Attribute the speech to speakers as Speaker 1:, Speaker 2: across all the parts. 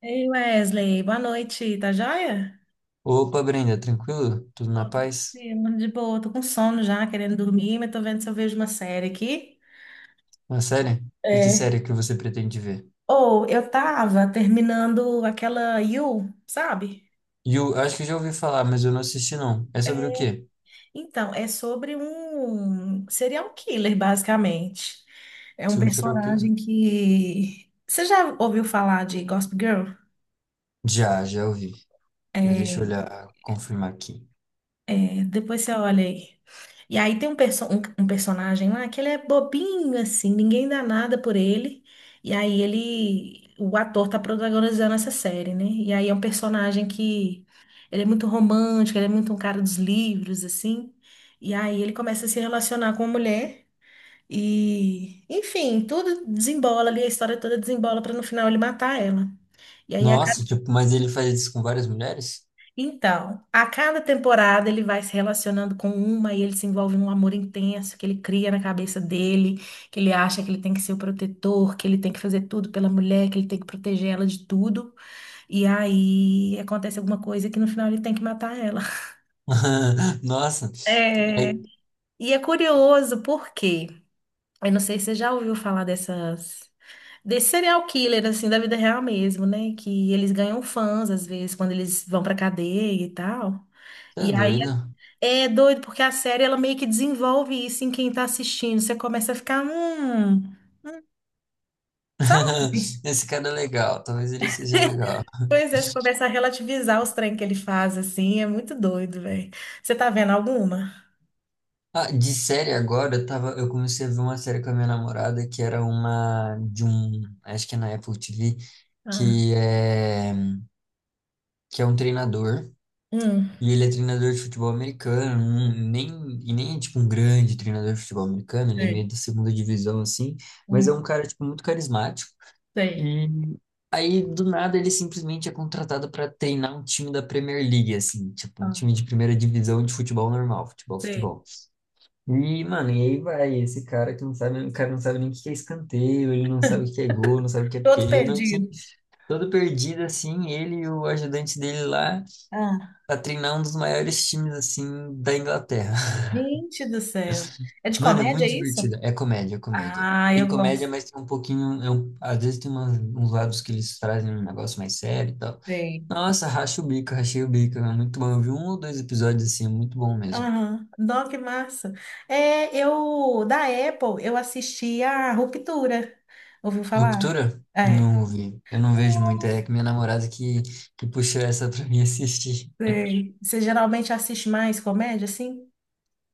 Speaker 1: Ei, Wesley, boa noite, tá joia?
Speaker 2: Opa, Brenda, tranquilo? Tudo na
Speaker 1: Ô,
Speaker 2: paz?
Speaker 1: sim, mano, de boa, tô com sono já, querendo dormir, mas tô vendo se eu vejo uma série aqui.
Speaker 2: Uma série? E que
Speaker 1: É.
Speaker 2: série que você pretende ver?
Speaker 1: Ou eu tava terminando aquela You, sabe?
Speaker 2: E eu acho que eu já ouvi falar, mas eu não assisti não. É
Speaker 1: É,
Speaker 2: sobre o quê?
Speaker 1: então, é sobre um serial killer, basicamente. É um
Speaker 2: Sobre o quê?
Speaker 1: personagem que. Você já ouviu falar de Gossip Girl?
Speaker 2: Já ouvi. Mas deixa eu
Speaker 1: É,
Speaker 2: olhar, confirmar aqui.
Speaker 1: é, depois você olha aí. E aí tem um personagem lá que ele é bobinho, assim, ninguém dá nada por ele. E aí o ator tá protagonizando essa série, né? E aí é um personagem que ele é muito romântico, ele é muito um cara dos livros, assim. E aí ele começa a se relacionar com uma mulher. E, enfim, tudo desembola ali, a história toda desembola pra no final ele matar ela. E aí
Speaker 2: Nossa, tipo, mas ele faz isso com várias mulheres?
Speaker 1: então, a cada temporada ele vai se relacionando com uma e ele se envolve num amor intenso que ele cria na cabeça dele, que ele acha que ele tem que ser o protetor, que ele tem que fazer tudo pela mulher, que ele tem que proteger ela de tudo. E aí acontece alguma coisa que no final ele tem que matar ela.
Speaker 2: Nossa,
Speaker 1: É,
Speaker 2: é,
Speaker 1: e é curioso porque, eu não sei se você já ouviu falar dessas, desse serial killer, assim, da vida real mesmo, né? Que eles ganham fãs, às vezes, quando eles vão pra cadeia e tal.
Speaker 2: tá
Speaker 1: E aí
Speaker 2: doido.
Speaker 1: é doido, porque a série ela meio que desenvolve isso em quem tá assistindo. Você começa a ficar, hum, sabe?
Speaker 2: Esse cara é legal, talvez ele seja legal.
Speaker 1: Pois é, você começa a relativizar os trem que ele faz, assim, é muito doido, velho. Você tá vendo alguma?
Speaker 2: Ah, de série agora, eu comecei a ver uma série com a minha namorada que era uma de um, acho que é na Apple TV,
Speaker 1: Ah,
Speaker 2: que é que é um treinador
Speaker 1: hum,
Speaker 2: e ele é treinador de futebol americano, não- nem e nem é tipo um grande treinador de futebol americano, ele é meio
Speaker 1: sei,
Speaker 2: da segunda divisão assim, mas é um
Speaker 1: hum,
Speaker 2: cara tipo muito carismático.
Speaker 1: sei.
Speaker 2: E aí do nada ele simplesmente é contratado para treinar um time da Premier League assim, tipo um
Speaker 1: Ah,
Speaker 2: time de primeira divisão de futebol normal,
Speaker 1: sei.
Speaker 2: futebol. E, mano, e aí vai, esse cara que não sabe, o cara não sabe nem o que é escanteio, ele não sabe o que é gol, não sabe o que é
Speaker 1: Todo
Speaker 2: pênalti.
Speaker 1: perdido.
Speaker 2: Todo perdido, assim, ele e o ajudante dele lá
Speaker 1: Ah,
Speaker 2: pra treinar um dos maiores times, assim, da Inglaterra.
Speaker 1: gente do céu. É de
Speaker 2: Mano, é
Speaker 1: comédia, é
Speaker 2: muito
Speaker 1: isso?
Speaker 2: divertido. É comédia, é comédia.
Speaker 1: Ah,
Speaker 2: Tem
Speaker 1: eu
Speaker 2: comédia,
Speaker 1: gosto.
Speaker 2: mas tem um pouquinho, é um- às vezes tem umas- uns lados que eles trazem um negócio mais sério e tal.
Speaker 1: Sei.
Speaker 2: Nossa, racha o bico, rachei o bico. É muito bom. Eu vi um ou dois episódios, assim, é muito bom mesmo.
Speaker 1: Aham. Nossa, que massa. É, eu, da Apple, eu assisti a Ruptura. Ouviu falar?
Speaker 2: Ruptura?
Speaker 1: É.
Speaker 2: Não vi. Eu não vejo muito. É
Speaker 1: Nossa.
Speaker 2: que minha namorada que puxou essa pra mim assistir.
Speaker 1: Sei. Você geralmente assiste mais comédia, assim?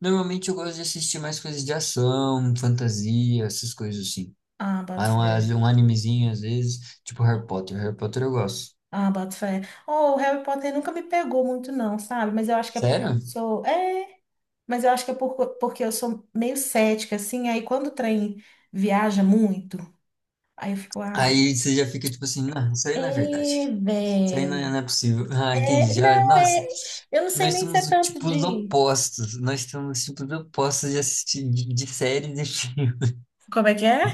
Speaker 2: Normalmente eu gosto de assistir mais coisas de ação, fantasia, essas coisas assim.
Speaker 1: Ah, boto
Speaker 2: Ah,
Speaker 1: fé.
Speaker 2: às vezes um animezinho, às vezes, tipo Harry Potter. Harry Potter eu gosto.
Speaker 1: Ah, boto fé. Oh, o Harry Potter nunca me pegou muito, não, sabe? Mas eu acho que é porque eu
Speaker 2: Sério?
Speaker 1: sou. É, mas eu acho que é porque eu sou meio cética, assim. Aí quando o trem viaja muito, aí eu fico, ah.
Speaker 2: Aí você já fica tipo assim, não, isso aí não é verdade.
Speaker 1: É,
Speaker 2: Isso aí
Speaker 1: velho.
Speaker 2: não é possível. Ah, entendi.
Speaker 1: É,
Speaker 2: Já,
Speaker 1: não,
Speaker 2: nossa,
Speaker 1: é. Eu não sei
Speaker 2: nós
Speaker 1: nem se é
Speaker 2: somos o
Speaker 1: tanto
Speaker 2: tipo dos
Speaker 1: de.
Speaker 2: opostos. Nós somos tipo, os tipos opostos de assistir de séries e filmes.
Speaker 1: Como é que é?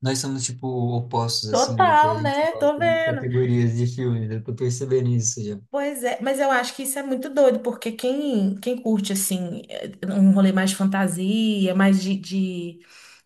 Speaker 2: Nós somos, tipo, opostos, assim, no que a
Speaker 1: Total,
Speaker 2: gente
Speaker 1: né? Tô
Speaker 2: gosta de
Speaker 1: vendo.
Speaker 2: categorias de filmes. Eu tô percebendo isso já.
Speaker 1: Pois é, mas eu acho que isso é muito doido, porque quem curte, assim, eh, um rolê mais de fantasia, mais de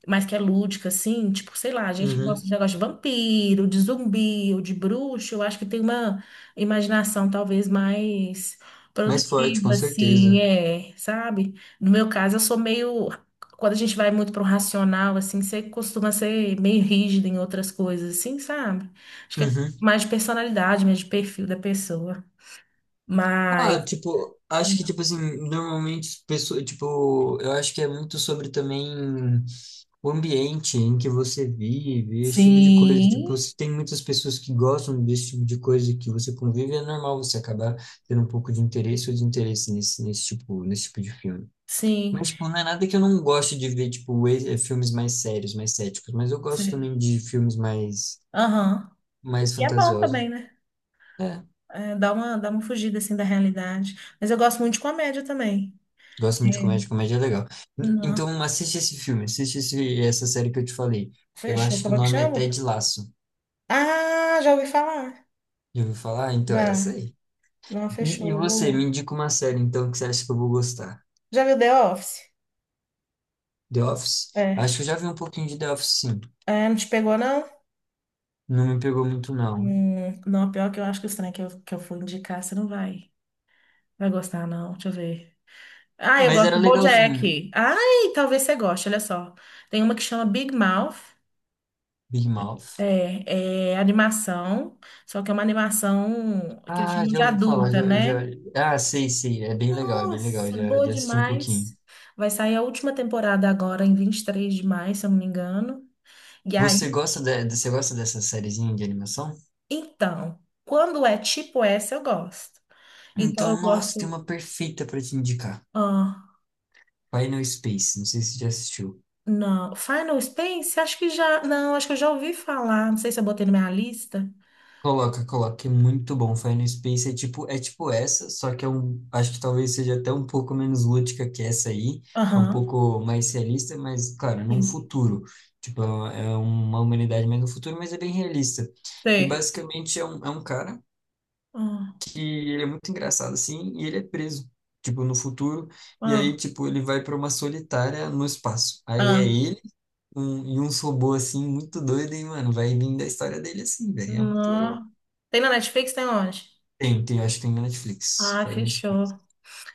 Speaker 1: mas que é lúdica, assim, tipo, sei lá, a gente que gosta
Speaker 2: Uhum.
Speaker 1: de negócio de vampiro, de zumbi ou de bruxo, eu acho que tem uma imaginação talvez mais
Speaker 2: Mais forte, com
Speaker 1: produtiva, assim,
Speaker 2: certeza.
Speaker 1: é, sabe? No meu caso, eu sou meio. Quando a gente vai muito pro racional, assim, você costuma ser meio rígido em outras coisas, assim, sabe? Acho que é
Speaker 2: Uhum.
Speaker 1: mais de personalidade, mais de perfil da pessoa.
Speaker 2: Ah,
Speaker 1: Mas,
Speaker 2: tipo, acho que, tipo assim, normalmente, as pessoas, tipo, eu acho que é muito sobre também o ambiente em que você vive, esse tipo de coisa. Tipo,
Speaker 1: sim,
Speaker 2: se tem muitas pessoas que gostam desse tipo de coisa que você convive, é normal você acabar tendo um pouco de interesse ou desinteresse nesse nesse tipo de filme.
Speaker 1: sim,
Speaker 2: Mas, tipo, não é nada que eu não goste de ver, tipo, filmes mais sérios, mais céticos. Mas eu gosto
Speaker 1: sim.
Speaker 2: também de filmes
Speaker 1: Aham.
Speaker 2: mais
Speaker 1: E é bom
Speaker 2: fantasiosos.
Speaker 1: também, né?
Speaker 2: É,
Speaker 1: É, dá uma fugida assim da realidade. Mas eu gosto muito de comédia também.
Speaker 2: gosto muito de
Speaker 1: É.
Speaker 2: comédia, comédia é legal. N-
Speaker 1: Não.
Speaker 2: Então, assiste esse filme, essa série que eu te falei. Eu
Speaker 1: Fechou.
Speaker 2: acho que o
Speaker 1: Como é que
Speaker 2: nome é
Speaker 1: chama?
Speaker 2: Ted Lasso.
Speaker 1: Ah, já ouvi falar.
Speaker 2: Já ouviu falar? Então, é essa
Speaker 1: Já.
Speaker 2: aí.
Speaker 1: Não,
Speaker 2: E,
Speaker 1: fechou.
Speaker 2: e
Speaker 1: Eu
Speaker 2: você, me
Speaker 1: vou.
Speaker 2: indica uma série, então, que você acha que eu vou gostar?
Speaker 1: Já viu The Office?
Speaker 2: The Office?
Speaker 1: É.
Speaker 2: Acho que eu já vi um pouquinho de The Office, sim.
Speaker 1: É, não te pegou, não?
Speaker 2: Não me pegou muito, não.
Speaker 1: Não, pior que eu acho que o estranho que eu for indicar, você não vai. Vai gostar, não. Deixa eu ver. Ah, eu
Speaker 2: Mas
Speaker 1: gosto
Speaker 2: era
Speaker 1: do
Speaker 2: legalzinho.
Speaker 1: BoJack. Ai, talvez você goste, olha só. Tem uma que chama Big Mouth.
Speaker 2: Big Mouth.
Speaker 1: É, é animação, só que é uma animação que eles
Speaker 2: Ah,
Speaker 1: chamam
Speaker 2: já
Speaker 1: de
Speaker 2: ouvi falar,
Speaker 1: adulta, né?
Speaker 2: Ah, sei, é bem legal,
Speaker 1: Nossa, boa
Speaker 2: já assisti um pouquinho.
Speaker 1: demais. Vai sair a última temporada agora, em 23 de maio, se eu não me engano. E aí,
Speaker 2: Você gosta dessa sériezinha de animação?
Speaker 1: então, quando é tipo essa, eu gosto. Então, eu
Speaker 2: Então, nossa, tem
Speaker 1: gosto.
Speaker 2: uma perfeita pra te indicar.
Speaker 1: Ah,
Speaker 2: Final Space, não sei se você já assistiu.
Speaker 1: não. Final Space? Acho que já. Não, acho que eu já ouvi falar. Não sei se eu botei na minha lista.
Speaker 2: Coloca, é muito bom. Final Space é tipo essa, só que é um, acho que talvez seja até um pouco menos lúdica que essa aí. É um
Speaker 1: Aham.
Speaker 2: pouco mais realista, mas, cara, num
Speaker 1: Sim.
Speaker 2: futuro. Tipo, é uma humanidade mais no futuro, mas é bem realista. E
Speaker 1: Sei.
Speaker 2: basicamente é um cara
Speaker 1: Ah,
Speaker 2: que ele é muito engraçado assim, e ele é preso, tipo, no futuro, e
Speaker 1: ah,
Speaker 2: aí, tipo, ele vai para uma solitária no espaço. Aí é
Speaker 1: ah.
Speaker 2: ele um, e uns robôs assim, muito doido, e, mano, vai vindo a história dele assim, velho, é muito legal.
Speaker 1: Não. Tem na Netflix? Tem onde?
Speaker 2: Tem, acho que tem na Netflix,
Speaker 1: Ah,
Speaker 2: Final Space.
Speaker 1: fechou.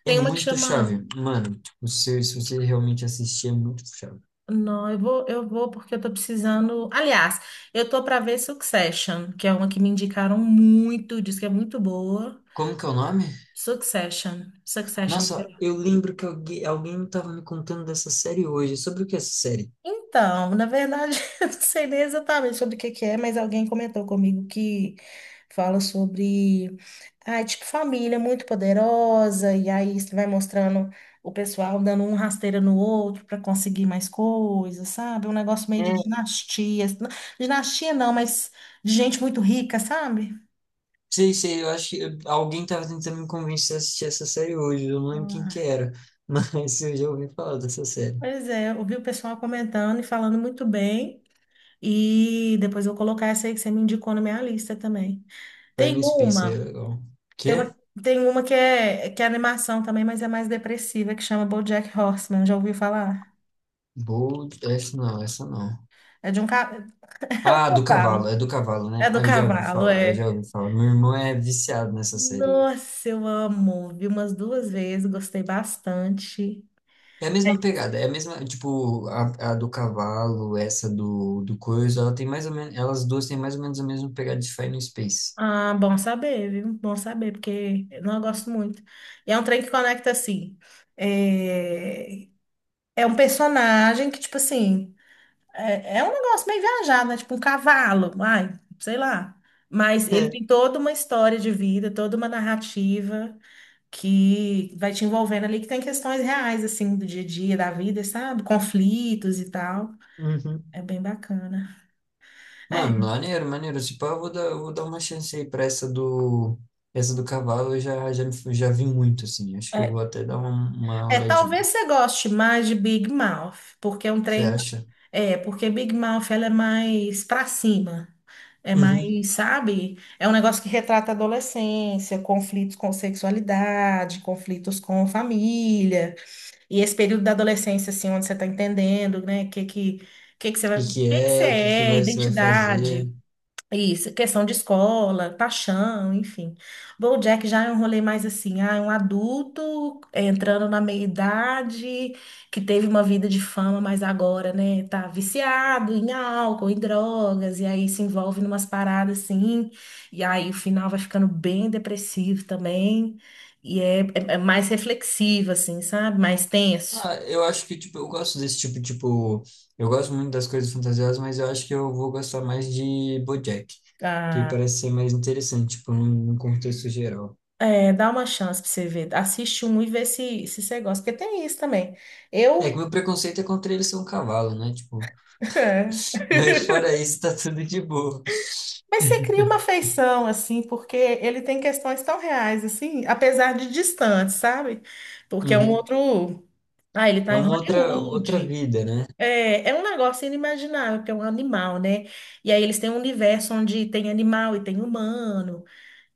Speaker 2: É
Speaker 1: Tem uma que
Speaker 2: muito
Speaker 1: chama.
Speaker 2: chave, mano, tipo, se você realmente assistir, é muito chave.
Speaker 1: Não, eu vou porque eu tô precisando. Aliás, eu tô para ver Succession, que é uma que me indicaram muito, diz que é muito boa.
Speaker 2: Como que é o nome?
Speaker 1: Succession, Succession.
Speaker 2: Nossa, eu lembro que alguém tava me contando dessa série hoje. Sobre o que é essa série?
Speaker 1: Então, na verdade, eu não sei nem exatamente sobre o que que é, mas alguém comentou comigo que fala sobre, ah, é tipo, família muito poderosa, e aí isso vai mostrando o pessoal dando um rasteira no outro para conseguir mais coisas, sabe? Um negócio meio de dinastia. Dinastia não, mas de gente muito rica, sabe?
Speaker 2: Sei, sei, eu acho que eu- alguém tava tentando me convencer a assistir essa série hoje, eu não lembro quem que
Speaker 1: Ah,
Speaker 2: era, mas eu já ouvi falar dessa série.
Speaker 1: pois é, eu vi o pessoal comentando e falando muito bem, e depois eu vou colocar essa aí que você me indicou na minha lista também.
Speaker 2: Vai
Speaker 1: Tem
Speaker 2: no Space, é
Speaker 1: uma.
Speaker 2: legal.
Speaker 1: Tem uma,
Speaker 2: Quê?
Speaker 1: tem uma que é, animação também, mas é mais depressiva, que chama BoJack Horseman. Já ouviu falar?
Speaker 2: Bold, essa não.
Speaker 1: É de é um
Speaker 2: Ah, do cavalo,
Speaker 1: cavalo.
Speaker 2: é do cavalo,
Speaker 1: É
Speaker 2: né?
Speaker 1: do
Speaker 2: Ah, eu já ouvi
Speaker 1: cavalo,
Speaker 2: falar, eu
Speaker 1: é.
Speaker 2: já ouvi falar. Meu irmão é viciado nessa série. Aí.
Speaker 1: Nossa, eu amo. Vi umas duas vezes, gostei bastante.
Speaker 2: É a mesma pegada, é a mesma, tipo, a do cavalo, essa do coisa, ela tem mais ou menos, elas duas têm mais ou menos a mesma pegada de Final Space.
Speaker 1: Ah, bom saber, viu? Bom saber, porque eu não gosto muito. E é um trem que conecta assim. É, é um personagem que, tipo assim. É, é um negócio meio viajado, né? Tipo um cavalo, ai, sei lá. Mas ele tem toda uma história de vida, toda uma narrativa que vai te envolvendo ali, que tem questões reais, assim, do dia a dia, da vida, sabe? Conflitos e tal.
Speaker 2: É. Uhum.
Speaker 1: É bem bacana. É,
Speaker 2: Mano, maneiro, maneiro. Tipo, ah, eu vou dar uma chance aí pra essa essa do cavalo. Eu já vi muito, assim. Acho que eu
Speaker 1: é,
Speaker 2: vou até dar uma olhadinha.
Speaker 1: talvez você goste mais de Big Mouth, porque é um
Speaker 2: Você
Speaker 1: trem.
Speaker 2: acha?
Speaker 1: É, porque Big Mouth ela é mais pra cima. É
Speaker 2: Uhum.
Speaker 1: mais, sabe? É um negócio que retrata a adolescência, conflitos com sexualidade, conflitos com família. E esse período da adolescência, assim, onde você está entendendo, né? O que que você
Speaker 2: O
Speaker 1: vai,
Speaker 2: que
Speaker 1: o
Speaker 2: que
Speaker 1: que que você
Speaker 2: é? O que que
Speaker 1: é,
Speaker 2: vai, você vai fazer?
Speaker 1: identidade. Isso, questão de escola, paixão, enfim. BoJack já é um rolê mais assim, ah, é um adulto entrando na meia-idade, que teve uma vida de fama, mas agora, né, tá viciado em álcool, em drogas, e aí se envolve numas paradas assim, e aí o final vai ficando bem depressivo também, e é mais reflexivo, assim, sabe? Mais tenso.
Speaker 2: Ah, eu acho que, tipo, eu gosto desse tipo, tipo... Eu gosto muito das coisas fantasiosas, mas eu acho que eu vou gostar mais de BoJack. Que
Speaker 1: Ah,
Speaker 2: parece ser mais interessante, tipo, num contexto geral.
Speaker 1: é, dá uma chance pra você ver. Assiste um e vê se, se você gosta, porque tem isso também.
Speaker 2: É que
Speaker 1: Eu
Speaker 2: meu preconceito é contra ele ser um cavalo, né? Tipo,
Speaker 1: é.
Speaker 2: mas fora isso, tá tudo de boa.
Speaker 1: Mas você cria uma afeição, assim, porque ele tem questões tão reais, assim, apesar de distante, sabe? Porque é um
Speaker 2: Uhum.
Speaker 1: outro. Ah, ele
Speaker 2: É
Speaker 1: tá em
Speaker 2: uma outra, outra
Speaker 1: Hollywood.
Speaker 2: vida, né?
Speaker 1: É, é um negócio inimaginável, porque é um animal, né? E aí eles têm um universo onde tem animal e tem humano.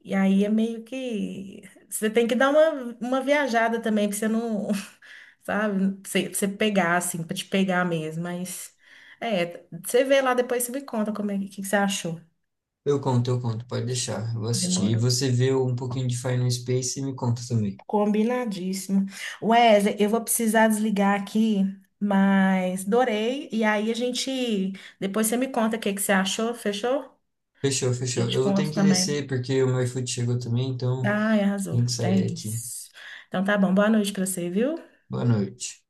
Speaker 1: E aí é meio que. Você tem que dar uma viajada também, pra você não. Sabe? Pra você pegar, assim, pra te pegar mesmo. Mas. É, você vê lá depois, você me conta como é que você achou.
Speaker 2: Eu conto, pode deixar. Eu vou assistir. E
Speaker 1: Demorou.
Speaker 2: você vê um pouquinho de Final Space e me conta também.
Speaker 1: Combinadíssimo. Wesley, eu vou precisar desligar aqui, mas adorei. E aí a gente. Depois você me conta o que que você achou, fechou?
Speaker 2: Fechou, fechou.
Speaker 1: Eu te
Speaker 2: Eu tenho
Speaker 1: conto
Speaker 2: que
Speaker 1: também.
Speaker 2: descer porque o meu iFood chegou também, então
Speaker 1: Ai, arrasou.
Speaker 2: tenho que
Speaker 1: É
Speaker 2: sair aqui.
Speaker 1: isso. Então tá bom. Boa noite pra você, viu?
Speaker 2: Boa noite.